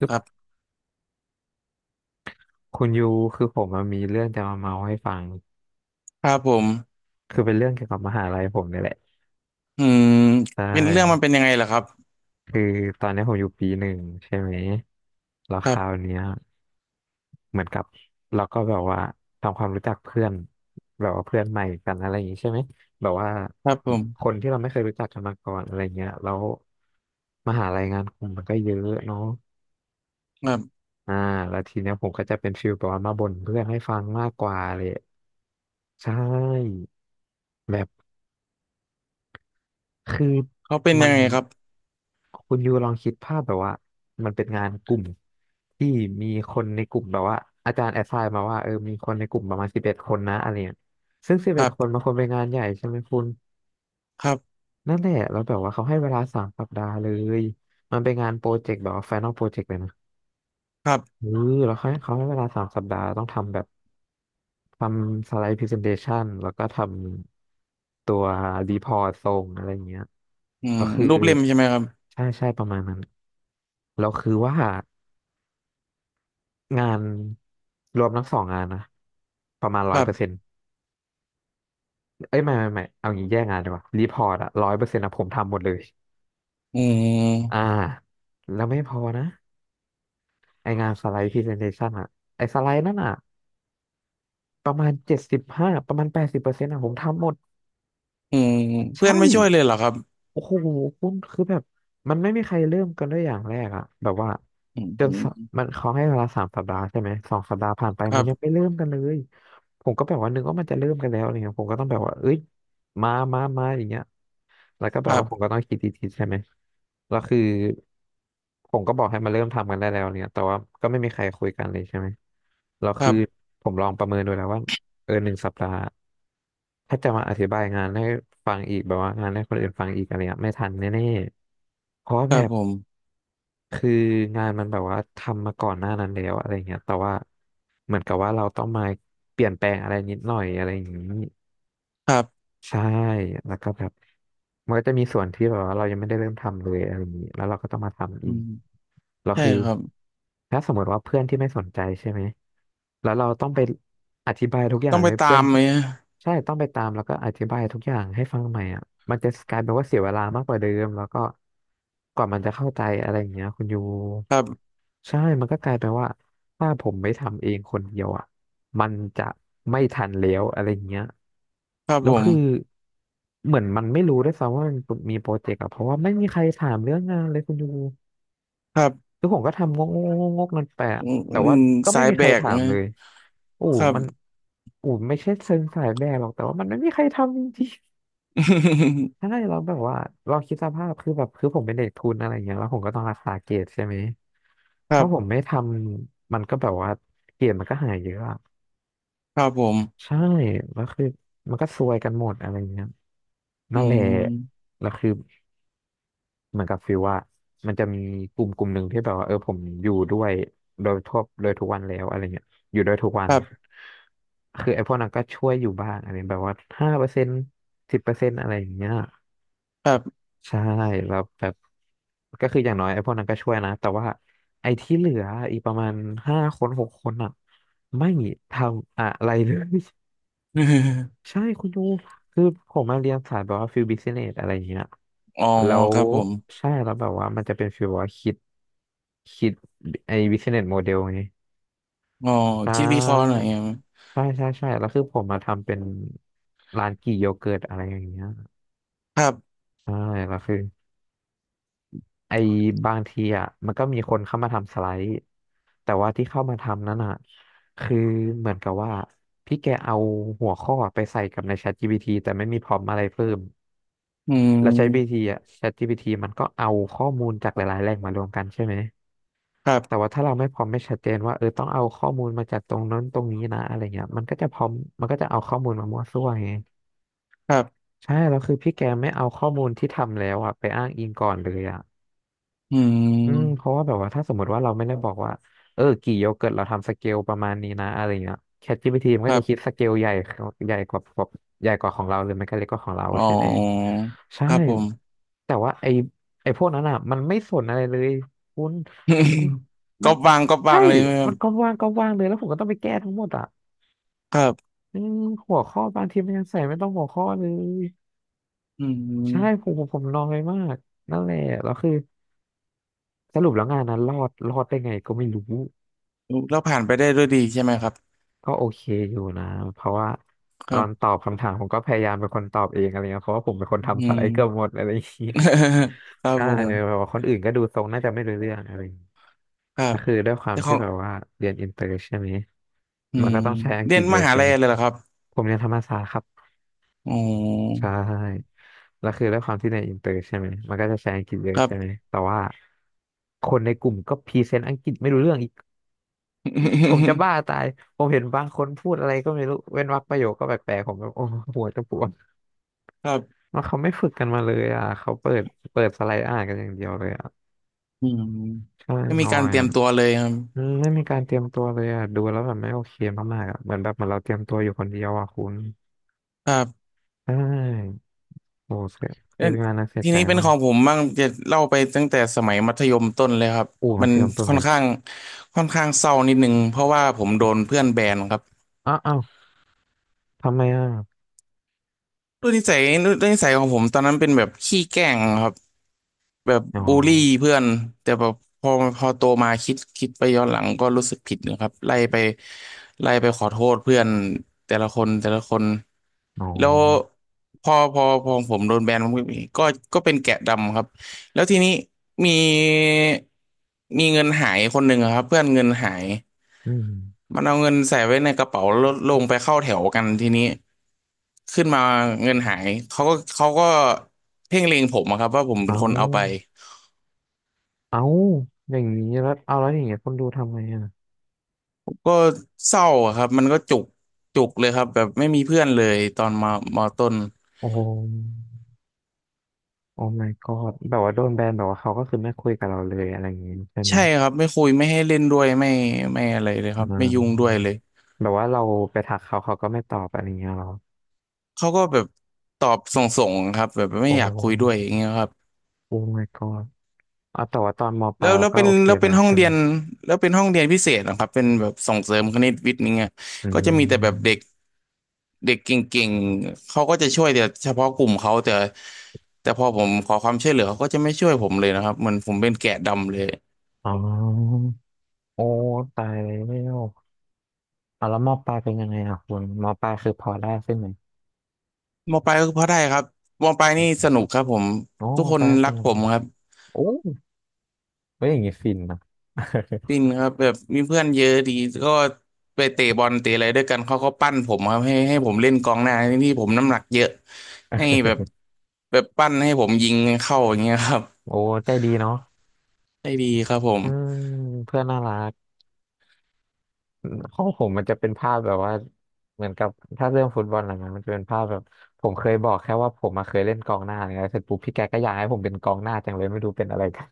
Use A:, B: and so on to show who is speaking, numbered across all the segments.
A: คื
B: ค
A: อ
B: รับ
A: คุณยูคือผมอะมีเรื่องจะมาเมาให้ฟัง
B: ครับผม
A: คือเป็นเรื่องเกี่ยวกับมหาลัยผมเนี่ยแหละ
B: อืม
A: ใช
B: เป็นเรื่องมัน
A: ่
B: เป็นยังไงล่ะครับ
A: คือตอนนี้ผมอยู่ปีหนึ่งใช่ไหมแล้ว
B: ค
A: ค
B: รั
A: ราว
B: บ
A: เนี้ยเหมือนกับเราก็แบบว่าทำความรู้จักเพื่อนแบบว่าเพื่อนใหม่กันอะไรอย่างงี้ใช่ไหมแบบว่า
B: ครับผม
A: คนที่เราไม่เคยรู้จักกันมาก่อนอะไรเงี้ยแล้วมหาลัยงานกลุ่มมันก็เยอะเนาะ
B: ครับ
A: อ่าแล้วทีเนี้ยผมก็จะเป็นฟิลแบบว่ามาบ่นเพื่อนให้ฟังมากกว่าเลยใช่ คือ
B: เขาเป็น
A: มั
B: ยั
A: น
B: งไงครับ
A: คุณยูลองคิดภาพแบบว่ามันเป็นงานกลุ่มที่มีคนในกลุ่มแบบว่าอาจารย์แอสไซน์มาว่าเออมีคนในกลุ่มประมาณสิบเอ็ดคนนะอะไรเงี้ยซึ่งสิบ
B: ค
A: เอ็
B: รั
A: ดคนมั
B: บ
A: นควรเป็นงานใหญ่ใช่ไหมคุณ
B: ครับ
A: นั่นแหละแล้วแบบว่าเขาให้เวลาสามสัปดาห์เลยมันเป็นงานโปรเจกต์แบบว่าไฟนอลโปรเจกต์เลยนะ
B: ครั
A: เอ
B: บ
A: อแล้วเขาให้เวลาสามสัปดาห์ต้องทำแบบทำสไลด์พรีเซนเทชันแล้วก็ทำตัวรีพอร์ตส่งอะไรเงี้ย
B: อืม
A: ก็คือ
B: รูปเล่มใช่ไหมครับ
A: ใช่ใช่ประมาณนั้นแล้วคือว่างานรวมทั้งสองงานนะประมาณ
B: ค
A: ร้อย
B: รั
A: เปอร์เซ็
B: บ
A: นต์เอ้ยไม่ไม่ไม่เอางี้แยกงานดีกว่ารีพอร์ตอะร้อยเปอร์เซ็นต์อะผมทำหมดเลย
B: อื
A: อ่า
B: ม
A: แล้วไม่พอนะไองานสไลด์พรีเซนเทชันอะไอสไลด์นั่นอะประมาณ75ประมาณ80%อะผมทำหมด
B: อืมเพื่อ
A: ใช่
B: นไม่ช่วยเลยเหรอครับ
A: โอ้โหคุณคือแบบมันไม่มีใครเริ่มกันด้วยอย่างแรกอะแบบว่า
B: อื
A: จนส
B: ม
A: มันเขาให้เวลาสามสัปดาห์ใช่ไหม2 สัปดาห์ผ่านไป
B: ค
A: มั
B: รั
A: นยัง
B: บ
A: ไม่เริ่มกันเลยผมก็แบบว่านึกว่ามันจะเริ่มกันแล้วอะไรเงี้ยผมก็ต้องแบบว่าเอ้ยมามามาอย่างเงี้ยแล้วก็แบ
B: ค
A: บ
B: รั
A: ว่าผมก็
B: บ
A: ต้องคิดดีๆใช่ไหมแล้วคือผมก็บอกให้มาเริ่มทำกันได้แล้วเนี่ยแต่ว่าก็ไม่มีใครคุยกันเลยใช่ไหมเรา
B: ครั
A: คือ
B: บ
A: ผมลองประเมินดูแล้วว่า เออ1 สัปดาห์ถ้าจะมาอธิบายงานให้ฟังอีกแบบว่างานให้คนอื่นฟังอีกอะไรเงี้ยไม่ทันแน่ๆเพราะ
B: ค
A: แบ
B: รับ
A: บ
B: ผม
A: คืองานมันแบบว่าทำมาก่อนหน้านั้นแล้วอะไรเงี้ยแต่ว่าเหมือนกับว่าเราต้องมาเปลี่ยนแปลงอะไรนิดหน่อยอะไรอย่างนี้
B: ครับ
A: ใช่แล้วก็แบบมันก็จะมีส่วนที่แบบว่าเรายังไม่ได้เริ่มทำเลยอะไรอย่างนี้แล้วเราก็ต้องมาทำ
B: อื
A: อีก
B: ม
A: เรา
B: ใช่
A: คือ
B: ครับ
A: ถ้าสมมติว่าเพื่อนที่ไม่สนใจใช่ไหมแล้วเราต้องไปอธิบายทุกอย่า
B: ต้อ
A: ง
B: งไป
A: ให้
B: ตา
A: เพื่อน
B: มไหม
A: ที่ใช่ต้องไปตามแล้วก็อธิบายทุกอย่างให้ฟังใหม่อ่ะมันจะกลายเป็นว่าเสียเวลามากกว่าเดิมแล้วก็กว่ามันจะเข้าใจอะไรอย่างเงี้ยคุณยู
B: ครับ
A: ใช่มันก็กลายเป็นว่าถ้าผมไม่ทำเองคนเดียวอ่ะมันจะไม่ทันแล้วอะไรอย่างเงี้ย
B: ครับ
A: แล้
B: ผ
A: วคือ
B: ม
A: เหมือนมันไม่รู้ด้วยซ้ำว่ามันมีโปรเจกต์อะเพราะว่าไม่มีใครถามเรื่องงานเลยคุณยู
B: ครับ
A: คือผมก็ทำงกงกงกงกนนแปะ
B: อืม
A: แต่
B: อื
A: ว่า
B: ม
A: ก็
B: สา
A: ไม่
B: ย
A: มีใค
B: แบ
A: ร
B: ก
A: ถา
B: นะ
A: มเลยอู๋
B: ครับ
A: มันอู๋ไม่ใช่เชิงสายแบกหรอกแต่ว่ามันไม่มีใครทำจริง ๆใช่เราแบบว่าเราคิดสภาพคือแบบคือผมเป็นเด็กทุนอะไรอย่างเงี้ยแล้วผมก็ต้องรักษาเกรดใช่ไหม
B: ครั
A: ถ้า
B: บ
A: ผมไม่ทำมันก็แบบว่าเกรดมันก็หายเยอะอะ
B: ครับผม
A: ใช่แล้วคือมันก็ซวยกันหมดอะไรเงี้ย
B: อื
A: นั่นแหละ
B: ม
A: แล้วคือ เหมือนกับฟิลว่ามันจะมีกลุ่มกลุ่มหนึ่งที่แบบว่าเออผมอยู่ด้วยโดยทุกวันแล้วอะไรเงี้ยอยู่ด้วยทุกวั
B: ค
A: น
B: รับ
A: คือไอ้พวกนั้นก็ช่วยอยู่บ้างอะไรแบบว่า5%สิบเปอร์เซ็นต์อะไรอย่างเงี้ย
B: ครับ
A: ใช่แล้วแบบก็คืออย่างน้อยไอ้พวกนั้นก็ช่วยนะแต่ว่าไอ้ที่เหลืออีกประมาณ5 คน6 คนอ่ะไม่ทำอะไรเลย ใช่คุณยูคือผมมาเรียนสายแบบว่าฟิลบิ n เนสอะไรอย่างเงี้ย
B: อ๋อ
A: แล้ว
B: ครับผม
A: ใช่แล้วแบบว่ามันจะเป็นฟิลว่าคิดไอ้บิสเนสโมเดลไง
B: อ๋อ
A: ใช
B: คิดวิเคราะห์หน่อ
A: ่
B: ยอะ
A: ใช่ใช่ใช่แล้วคือผมมาทำเป็นร้านกี่โยเกิร์ตอะไรอย่างเงี้ย
B: ครับ
A: ใช่แล้วคือไอ้บางทีอ่ะมันก็มีคนเข้ามาทำสไลด์แต่ว่าที่เข้ามาทำนั้นอ่ะคือเหมือนกับว่าพี่แกเอาหัวข้อไปใส่กับใน ChatGPT แต่ไม่มีพรอมอะไรเพิ่ม
B: อื
A: เราใช้ g t
B: ม
A: อ่ะ ChatGPT มันก็เอาข้อมูลจากหลายๆแหล่งมารวมกันใช่ไหม
B: ครั
A: แต่
B: บ
A: ว่าถ้าเราไม่พร้อมไม่ชัดเจนว่าเออต้องเอาข้อมูลมาจากตรงนั้นตรงนี้นะอะไรเงี้ยมันก็จะเอาข้อมูลมามั่วซั่วไง
B: ครับ
A: ใช่แล้วคือพี่แกไม่เอาข้อมูลที่ทำแล้วอ่ะไปอ้างอิงก่อนเลยอ่ะ
B: อื
A: อืมเพ
B: ม
A: ราะว่าแบบว่าถ้าสมมติว่าเราไม่ได้บอกว่าเออกี่โยเกิร์ตเราทำสเกลประมาณนี้นะอะไรเงี้ย ChatGPT มัน
B: ค
A: ก็
B: รั
A: จะคิด
B: บ
A: สเกลใหญ่ใหญ่กว่าใหญ่กว่าของเราหรือไม่ก็เล็กกว่าของเรา
B: อ๋อ
A: ใช่ไหมใช่
B: ครับผม
A: แต่ว่าไอพวกนั้นอ่ะมันไม่สนอะไรเลยคุณมัน มั
B: ก็
A: น
B: บางก็บา
A: ใช่
B: งเลยไหมครั
A: มั
B: บ
A: นก็ว่างก็ว่างเลยแล้วผมก็ต้องไปแก้ทั้งหมดอ่ะ
B: ครับ
A: อืมหัวข้อบางทีมันยังใส่ไม่ต้องหัวข้อเลย
B: อื
A: ใช่ผ
B: ม
A: มผมผมนอยมากนั่นแหละแล้วคือสรุปแล้วงานนั้นรอดได้ไงก็ไม่รู้
B: แล้วผ่านไปได้ด้วยดีใช่ไหมครับ
A: ก็โอเคอยู่นะเพราะว่า
B: ค
A: ตอ
B: รั
A: นต
B: บ
A: อบคำถามผมก็พยายามเป็นคนตอบเองอะไรเงี้ยเพราะว่าผมเป็นคน
B: อื
A: ทำสไล
B: ม
A: ด์เกือบหมดอะไรอย่างงี้
B: ค รับ
A: ใช่
B: ผ
A: แบบ
B: ม
A: ว่าคนอื่นก็ดูทรงน่าจะไม่รู้เรื่องอะไรอย่างงี้
B: ครั
A: ก็
B: บ
A: คือด้วยความ
B: แต่ข
A: ที่
B: อง
A: แบบว่าเรียนอินเตอร์ใช่ไหม
B: อื
A: มัน
B: ม
A: ก็ต้องใช้อังก
B: เรี
A: ฤ
B: ยน
A: ษเย
B: ม
A: อะ
B: หา
A: ใช่
B: ลั
A: ไห
B: ย
A: ม
B: เลยเหรอครับ
A: ผมเรียนธรรมศาสตร์ครับ
B: อ๋อ
A: ใช่แล้วคือด้วยความที่ในอินเตอร์ใช่ไหมมันก็จะใช้อังกฤษเย
B: ค
A: อะ
B: รับ
A: ใช่ไหมแต่ว่าคนในกลุ่มก็พรีเซนต์อังกฤษไม่รู้เรื่องอีก ผมจะ บ้าตายผมเห็นบางคนพูดอะไรก็ไม่รู้เว้นวรรคประโยคก็แปลกๆผมแบบโอ้โหหัวจะปวด
B: ครับ
A: แล้วเขาไม่ฝึกกันมาเลยอ่ะเขาเปิดสไลด์อ่านกันอย่างเดียวเลยอ่ะ
B: อืม
A: ใช่
B: ไม่มี
A: น้อ
B: การ
A: ย
B: เตรีย
A: อะ
B: มตัวเลยค
A: อืมไม่มีการเตรียมตัวเลยอ่ะ ดูแล้วแบบไม่โอเคมากๆอ่ะเหมือนเราเตรียมตัวอยู่คนเดียวอ่ะคุณ
B: รับ
A: ใช่โอ้เสีย
B: เอ้
A: คื
B: ย
A: องานนั้นเสีย
B: ที
A: ใจ
B: นี้เป็น
A: มา
B: ข
A: ก
B: องผมบ้างจะเล่าไปตั้งแต่สมัยมัธยมต้นเลยครับ
A: อู้มา
B: มัน
A: เทียมต้น
B: ค่อ
A: เล
B: น
A: ย
B: ข้างค่อนข้างเศร้านิดนึงเพราะว่าผมโดนเพื่อนแบนครับ
A: อ้าวอ้าวทำไมอ่ะ
B: ด้วยนิสัยด้วยนิสัยของผมตอนนั้นเป็นแบบขี้แกล้งครับแบบ
A: อ๋อ
B: บูลลี่เพื่อนแต่แบบพอพอโตมาคิดไปย้อนหลังก็รู้สึกผิดนะครับไล่ไปขอโทษเพื่อนแต่ละคนแต่ละคน
A: อ๋อ
B: แล้วพอผมโดนแบนผมก็ก็เป็นแกะดำครับแล้วทีนี้มีมีเงินหายคนหนึ่งอะครับเพื่อนเงินหาย
A: อืม
B: มันเอาเงินใส่ไว้ในกระเป๋าแล้วลงไปเข้าแถวกันทีนี้ขึ้นมาเงินหายเขาก็เพ่งเล็งผมอะครับว่าผมเป็น
A: เอา
B: คนเอาไป
A: เอาอย่างนี้แล้วเอาแล้วอย่างเงี้ยคนดูทำไงอ่ะ
B: ก็เศร้าอะครับมันก็จุกเลยครับแบบไม่มีเพื่อนเลยตอนมามอต้น
A: โอ้โห โอ้ my god แบบว่าโดนแบนแบบว่าเขาก็คือไม่คุยกับเราเลยอะไรอย่างงี้ใช่ไหม
B: ใช่ครับไม่คุยไม่ให้เล่นด้วยไม่อะไรเลยค
A: อ่
B: รับไม่ยุ่งด้วย
A: า
B: เลย
A: แบบว่าเราไปทักเขาเขาก็ไม่ตอบอะไรเงี้ยเหรอ
B: เขาก็แบบตอบส่งๆครับแบบ
A: โอ
B: ไม่อยากคุยด้วย
A: ้
B: อย่างเงี้ยครับ
A: โอ้ my god อ่ะแต่ว่าตอนมป
B: แล้
A: ลาย
B: ว
A: เรา
B: แล้ว
A: ก็
B: เป็น
A: โอเค
B: แล้วเป็
A: แล้
B: น
A: ว
B: ห้อง
A: ใช่
B: เรี
A: ไหม
B: ยนแล้วเป็นห้องเรียนพิเศษนะครับเป็นแบบส่งเสริมคณิตวิทย์นี่างเงี้
A: อื
B: ก็จะมีแต่แบบเด็
A: ม
B: กเด็กเก่งๆเขาก็จะช่วยแต่เฉพาะกลุ่มเขาแต่พอผมขอความช่วยเหลือเขาก็จะไม่ช่วยผมเลยนะครับเหมือนผมเป็นแกะดำเลย
A: อ๋อโอ้ตายแล้วอ่ะแล้วมปลายเป็นยังไงอ่ะคุณมปลายคือพอได้ใช่ไหม
B: มปลายก็พอได้ครับมปลายนี่สนุกครับผม
A: โอ้
B: ทุ
A: ม
B: กค
A: ป
B: น
A: ลายส
B: รัก
A: นุ
B: ผ
A: ก
B: มครับ
A: โอ้เฮ้ยอย่างงี้ฟินนะ
B: ปินครับแบบมีเพื่อนเยอะดีก็ไปเตะบอลเตะอะไรด้วยกันเขาก็ปั้นผมครับให้ผมเล่นกองหน้าที่ผมน้ำหนักเยอะให้แบบ แบบปั้นให้ผมยิงเข้าอย่างเงี้ยครับ
A: โอ้ใจดีเนาะ
B: ได้ดีครับผม
A: อืมเพื่อนน่ารัก ห้องผมมันจะเป็นภาพแบบว่าเหมือนกับถ้าเรื่องฟุตบอลอะไรเงี้ยมันจะเป็นภาพแบบผมเคยบอกแค่ว่าผมมาเคยเล่นกองหน้าเนี่ย้เสร็จปุ๊บพี่แกก็อยากให้ผมเป็นกองหน้าจังเลยไม่รู้เป็นอะไรกัน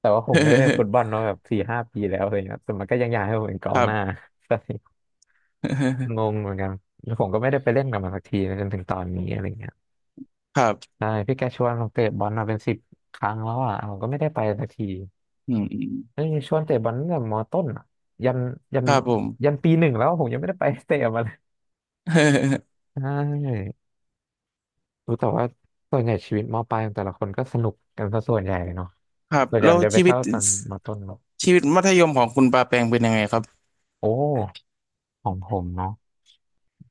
A: แต่ว่าผมไม่ได้เล่นฟุตบอล มาแบบ4-5 ปีแล้วอะไรเงี้ยแต่มันก็ยังอยากให้ผมเป็นก
B: ค
A: อง
B: รั
A: ห
B: บ
A: น้า ใช่ งงเหมือนกันแล้วผมก็ไม่ได้ไปเล่นกับมันสักทีนะจนถึงตอนนี้อะไรเงี้ย
B: ครับ
A: ใช่พี่แกชวนผมเตะบอลมาเป็น10 ครั้งแล้วอ่ะผมก็ไม่ได้ไปสักที
B: อืม
A: เอ้ยชวนเตะบอลตั้งแต่มต้นอะยันยัน
B: ครับผม
A: ยันปีหนึ่งแล้วผมยังไม่ได้ไป เตะมาเลย ใช่รู้แต่ว่าส่วนใหญ่ชีวิตมปลายของแต่ละคนก็สนุกกันซะส่วนใหญ่เนาะ
B: ครับ
A: ส่วนใหญ่
B: แล้ว
A: มันจะไป
B: ชีวิ
A: เศ่า
B: ต
A: ตอนมต้นหรอก
B: ชีวิตมัธยมของคุณปาแปงเป็นยังไงครับ
A: โอ้ของผมเนาะ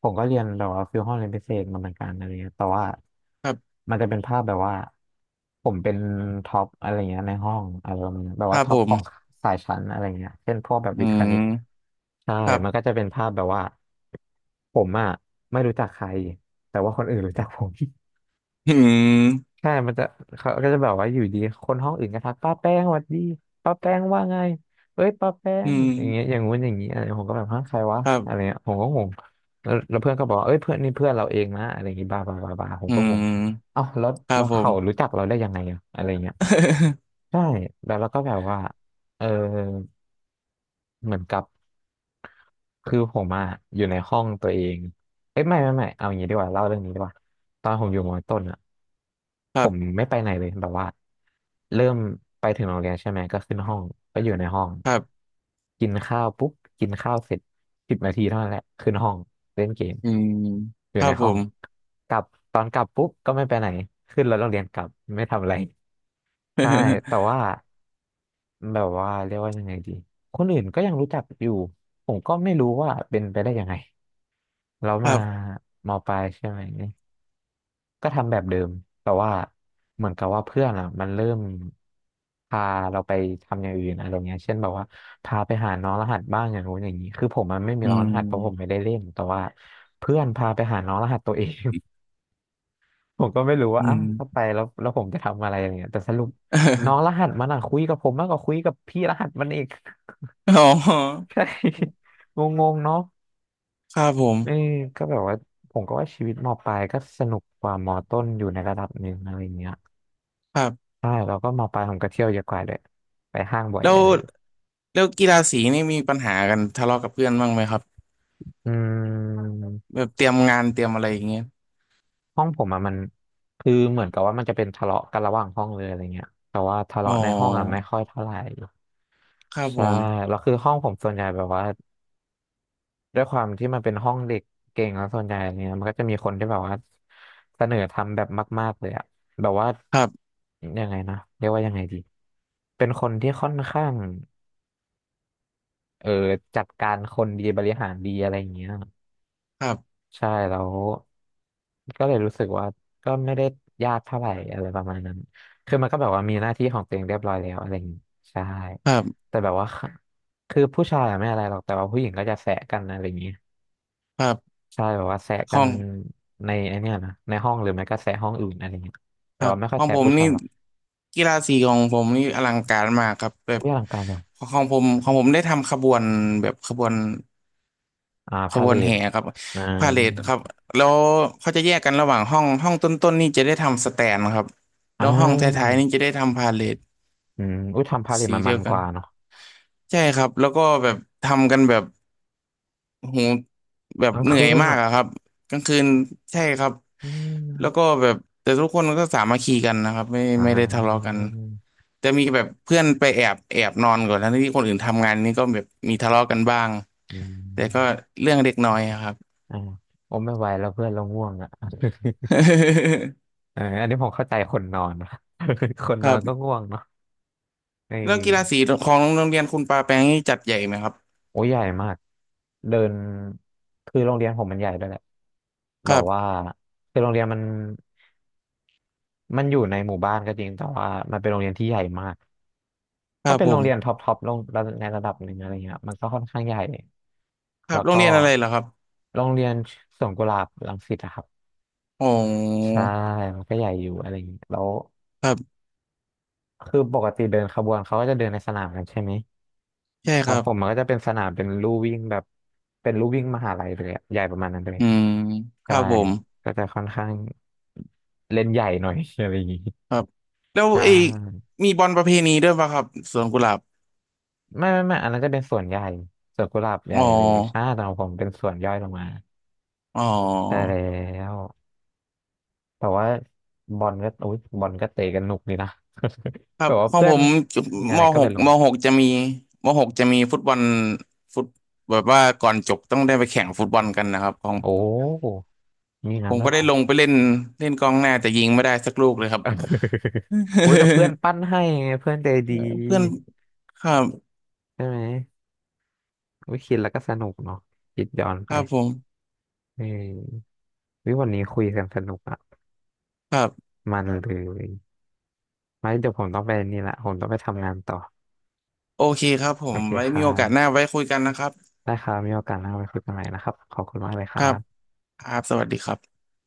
A: ผมก็เรียนแบบว่าฟิลห้องเรียนพิเศษมาเหมือนกันอะไรเงี้ยแต่ว่า
B: ครับ
A: มันจะเป็นภาพแบบว่าผมเป็นท็อปอะไรเงี้ยในห้องอารมณ์แบบ
B: ค
A: ว่า
B: รับ
A: ท็อ
B: ผ
A: ป
B: ม
A: ของสายชั้นอะไรเงี้ยเช่นพวกแบบ
B: อื
A: วิทย์คณิต
B: ม
A: ใช่
B: ครั
A: มันก็
B: บ
A: จะเป็นภาพแบบว่าผมอ่ะไม่รู้จักใครแต่ว่าคนอื่นรู้จักผม
B: อืม
A: ใช่มันจะเขาก็จะแบบว่าอยู่ดีคนห้องอื่นก็ทักป้าแป้งสวัสดีป้าแป้งว่าไงเอ้ยป้าแป้
B: อื
A: ง
B: ม
A: อย่างเงี้ยอย่างงู้นอย่างงี้อะไรผมก็แบบฮะใครวะ
B: ครั
A: อะไร
B: บ
A: เงี้ยผมก็งงแล้วเพื่อนก็บอกว่าเอ้ยเพื่อนนี่เพื่อนเราเองนะอะไรอย่างงี้บ้าบ้าบ้าบ้าผม
B: อื
A: ก็งง
B: ม
A: เอ้าแล้ว
B: ครั
A: แล้
B: บ
A: ว
B: ผ
A: เขา
B: ม
A: รู้จักเราได้ยังไงอะอะไรเงี้ยใช่แล้วเราก็แบบว่าเออเหมือนกับ คือผมอะอยู่ในห้องตัวเองเอ้ยไม่เอาอย่างนี้ดีกว่าเล่าเรื่องนี้ดีกว่าตอนผมอยู่มอต้นอะ
B: ค
A: ผ
B: รั
A: ม
B: บ
A: ไม่ไปไหนเลยแบบว่าเริ่มไปถึงโรงเรียนใช่ไหมก็ขึ้นห้องก็อยู่ในห้อง
B: ครับ
A: กินข้าวปุ๊บกินข้าวเสร็จ10 นาทีเท่านั้นแหละขึ้นห้องเล่นเกม
B: อืม
A: อ
B: ค
A: ยู่
B: รั
A: ใน
B: บผ
A: ห้อง
B: ม
A: กลับตอนกลับปุ๊บก็ไม่ไปไหนขึ้นรถโรงเรียนกลับไม่ทำอะไรใช่แต่ว่า แบบว่าเรียกว่ายังไงดี คนอื่นก็ยังรู้จักอยู่ผมก็ไม่รู้ว่าเป็นไปได้ยังไงแล้ว
B: ครั
A: มา
B: บ
A: มปลายใช่ไหมก็ทำแบบเดิมแต่ว่าเหมือนกับว่าเพื่อนอ่ะมันเริ่มพาเราไปทำอย่างอื่นอะไรเงี้ยเช่นแบบว่าพาไปหาน้องรหัสบ้างอย่างนู้นอย่างนี้คือผมมันไม่มี
B: อื
A: น้องรหัสเพราะผมไม่
B: ม
A: ได้เล่นแต่ว่าเพื่อนพาไปหาน้องรหัสตัวเอง ผมก็ไม่รู้ว่า
B: อื
A: อ่ะถ้าไป
B: ม
A: แล้วแล้วผมจะทำอะไรอะไรเงี้ยแต่สรุปน้องรหั สมันอ่ะคุยกับผมมากกว่าคุยกับพี่รหัสมันอีก
B: อ๋อ
A: ใช่งงๆเนาะ
B: ครับผม
A: เออก็แบบว่าผมก็ว่าชีวิตมปลายก็สนุกกว่ามต้นอยู่ในระดับหนึ่งอะไรอย่างเงี้ย
B: ครับ
A: ใช่แล้วก็มปลายผมก็เที่ยวเยอะกว่าเลยไปห้างบ่อย
B: แล้
A: อะไร
B: ว
A: อย่างเงี้ย
B: แล้วกีฬาสีนี่มีปัญหากันทะเลาะกับเพื่อนบ้างไหมครับ
A: อืม
B: แบบเตรียมงานเตรียมอะไรอย่างเงี้ย
A: ห้องผมอะมันคือเหมือนกับว่ามันจะเป็นทะเลาะกันระหว่างห้องเลยอะไรเงี้ยแต่ว่าทะ
B: อ๋อ
A: เลาะในห้องอะไม่ค่อยเท่าไหร่
B: ครับผ
A: ใช่
B: ม
A: แล้วคือห้องผมส่วนใหญ่แบบว่า ด้วยความที่มันเป็นห้องเด็กเก่งแล้วส่วนใหญ่เนี่ยมันก็จะมีคนที่แบบว่าเสนอทำแบบมากๆเลยอะแบบว่า
B: ครับ
A: ยังไงนะเรียกว่ายังไงดีเป็นคนที่ค่อนข้างเออจัดการคนดีบริหารดีอะไรอย่างเงี้ย
B: ครับ
A: ใช่แล้วก็เลยรู้สึกว่าก็ไม่ได้ยากเท่าไหร่อะไรประมาณนั้นคือมันก็แบบว่ามีหน้าที่ของตัวเองเรียบร้อยแล้วอะไรอย่างงี้ใช่
B: ครับ
A: แต่แบบว่าคะคือผู้ชายอะไม่อะไรหรอกแต่ว่าผู้หญิงก็จะแสะกันอะไรอย่างงี้
B: ครับ
A: ใช่แบบว่าแซะ
B: ข
A: กั
B: อ
A: น
B: ง
A: ในไอเนี่ยนะในห้องหรือไม่ก็แซะห้องอื่นอะไรเงี้ย
B: ค
A: แต่
B: รั
A: ว่า
B: บ
A: ไม่ค่
B: ข
A: อย
B: อง
A: แซะ
B: ผม
A: ผู้ชา
B: นี่
A: ยหรอก
B: กีฬาสีของผมนี่อลังการมากครับแบบ
A: อุ้ยอลังการจัง
B: ของผมได้ทำขบวนแบบขบวน
A: อ่า
B: ข
A: พา
B: บ
A: เล
B: วน
A: ท
B: แห่ครับ
A: อ่า
B: พาเหรดครับแล้วเขาจะแยกกันระหว่างห้องห้องต้นๆนี่จะได้ทำสแตนครับแล้
A: อ่า
B: วห้องท้ายๆนี่จะได้ทำพาเหรด
A: อืมอุ้ยทำพาเลท
B: สี
A: มัน
B: เดี
A: มั
B: ย
A: น
B: ว
A: ก
B: กัน
A: ว่าเนาะ
B: ใช่ครับแล้วก็แบบทำกันแบบ โอ้โหแบบ
A: ทั้ง
B: เหนื่
A: คื
B: อย
A: น
B: มาก
A: อ่ะ
B: อะครับกลางคืนใช่ครับ
A: อื
B: แล้ว
A: ม
B: ก็แบบแต่ทุกคนก็สามัคคีกันนะครับไม่
A: อ่
B: ไม่ได้ทะเลาะ
A: า
B: กันจะมีแบบเพื่อนไปแอบนอนก่อนทั้งที่คนอื่นทำงานนี่ก็แบบมีทะเลาะกันบ้าง
A: อื
B: แต่ก็
A: ม
B: เรื่องเล็กน้อยอะครับ
A: อ่าผมไม่ไหวแล้วเพื่อนเราง่วงอ่ะ เอออันนี้ผมเข้าใจคนนอนนะ คน
B: ค
A: นอ
B: รั
A: น
B: บ
A: ก็ง่วงเนาะเ
B: แล้วกีฬาสี
A: ออ
B: ของโรงเรียนคุณปาแปงนี่จัดใหญ่ไหมครับ
A: โอ้ยใหญ่มากเดินคือโรงเรียนผมมันใหญ่ด้วยแหละ
B: ค
A: แบ
B: รั
A: บว่า
B: บ
A: คือโรงเรียนมันอยู่ในหมู่บ้านก็จริงแต่ว่ามันเป็นโรงเรียนที่ใหญ่มาก
B: ค
A: ก็
B: รับ
A: เป็น
B: ผ
A: โรงเรียนท็อ
B: ม
A: ปท็อปลงระดับในระดับหนึ่งอะไรเงี้ยมันก็ค่อนข้างใหญ่
B: ครั
A: แล้
B: บ
A: ว
B: โรง
A: ก็
B: เรียนอะไรเหรอครับ
A: โรงเรียนสวนกุหลาบรังสิตอะครับ
B: โอ้
A: ใช่มันก็ใหญ่อยู่อะไรอย่างนี้แล้ว
B: ครับ
A: คือปกติเดินขบวนเขาก็จะเดินในสนามกันใช่ไหม
B: ใช่
A: ข
B: ค
A: อง
B: รับ
A: ผมมันก็จะเป็นสนามเป็นลู่วิ่งแบบเป็นลู่วิ่งมหาลัยเลยอะใหญ่ประมาณนั้นเลย
B: อืมค
A: ใช่
B: รับผม
A: ก็จะค่อนข้างเล่นใหญ่หน่อย อะไรอย่างงี้
B: ครับแล้ว
A: ใช
B: เอย
A: ่
B: มีบอลประเพณีด้วยป่ะครับสวนกุหลาบ
A: ไม่อันนั้นจะเป็นส่วนใหญ่ส่วนกุหลาบให
B: อ๋อ
A: ญ่เลยใช่แต่ของผมเป็นส่วนย่อยลงมา
B: อ๋
A: ใช่
B: อ
A: แล้วแต่ว่าบอลก็อุ๊ยบอลก็เตะกันหนุกดีนะ
B: ค รั
A: แบ
B: บ
A: บว่า
B: ของ
A: เพื่อ
B: ผ
A: น
B: ม
A: มีอะ
B: ม
A: ไรก็
B: ห
A: ไป
B: ก
A: ลง
B: มหกจะมีมหกจะมีฟุตบอลฟุตแบบว่าก่อนจบต้องได้ไปแข่งฟุตบอลกันนะครับของ
A: โอ้มี
B: ผ
A: งั้น
B: ม
A: ด้วย
B: ก็
A: เหร
B: ได้
A: อ
B: ลงไปเล่นเล่นกองหน้าแต่ยิงไม่ได้สักลูกเลยครับ
A: โอ้ ยแต่เพื่อนปั้น ให้ไงเพื่อนใจ
B: เอ
A: ดี
B: อเพื่อนครับ
A: ใช่ไหมอุ้ยคิดแล้วก็สนุกเนาะคิดย้อน
B: ค
A: ไป
B: รับผม
A: เออวิวันนี้คุยกันสนุกอะ
B: ครับ
A: มันเลยไว้เดี๋ยวผมต้องไปนี่ละผมต้องไปทำงานต่อ
B: โอเคครับผ
A: โอ
B: ม
A: เค
B: ไว้
A: ครั
B: มีโอกาสหน้า
A: บ
B: ไว้คุยกันนะครับ
A: ได้ครับมีโอกาสหน้าไปคุยกันใหม่นะครับขอบคุณมากเลยค
B: ค
A: รั
B: รับ
A: บ
B: ครับสวัสดีครับ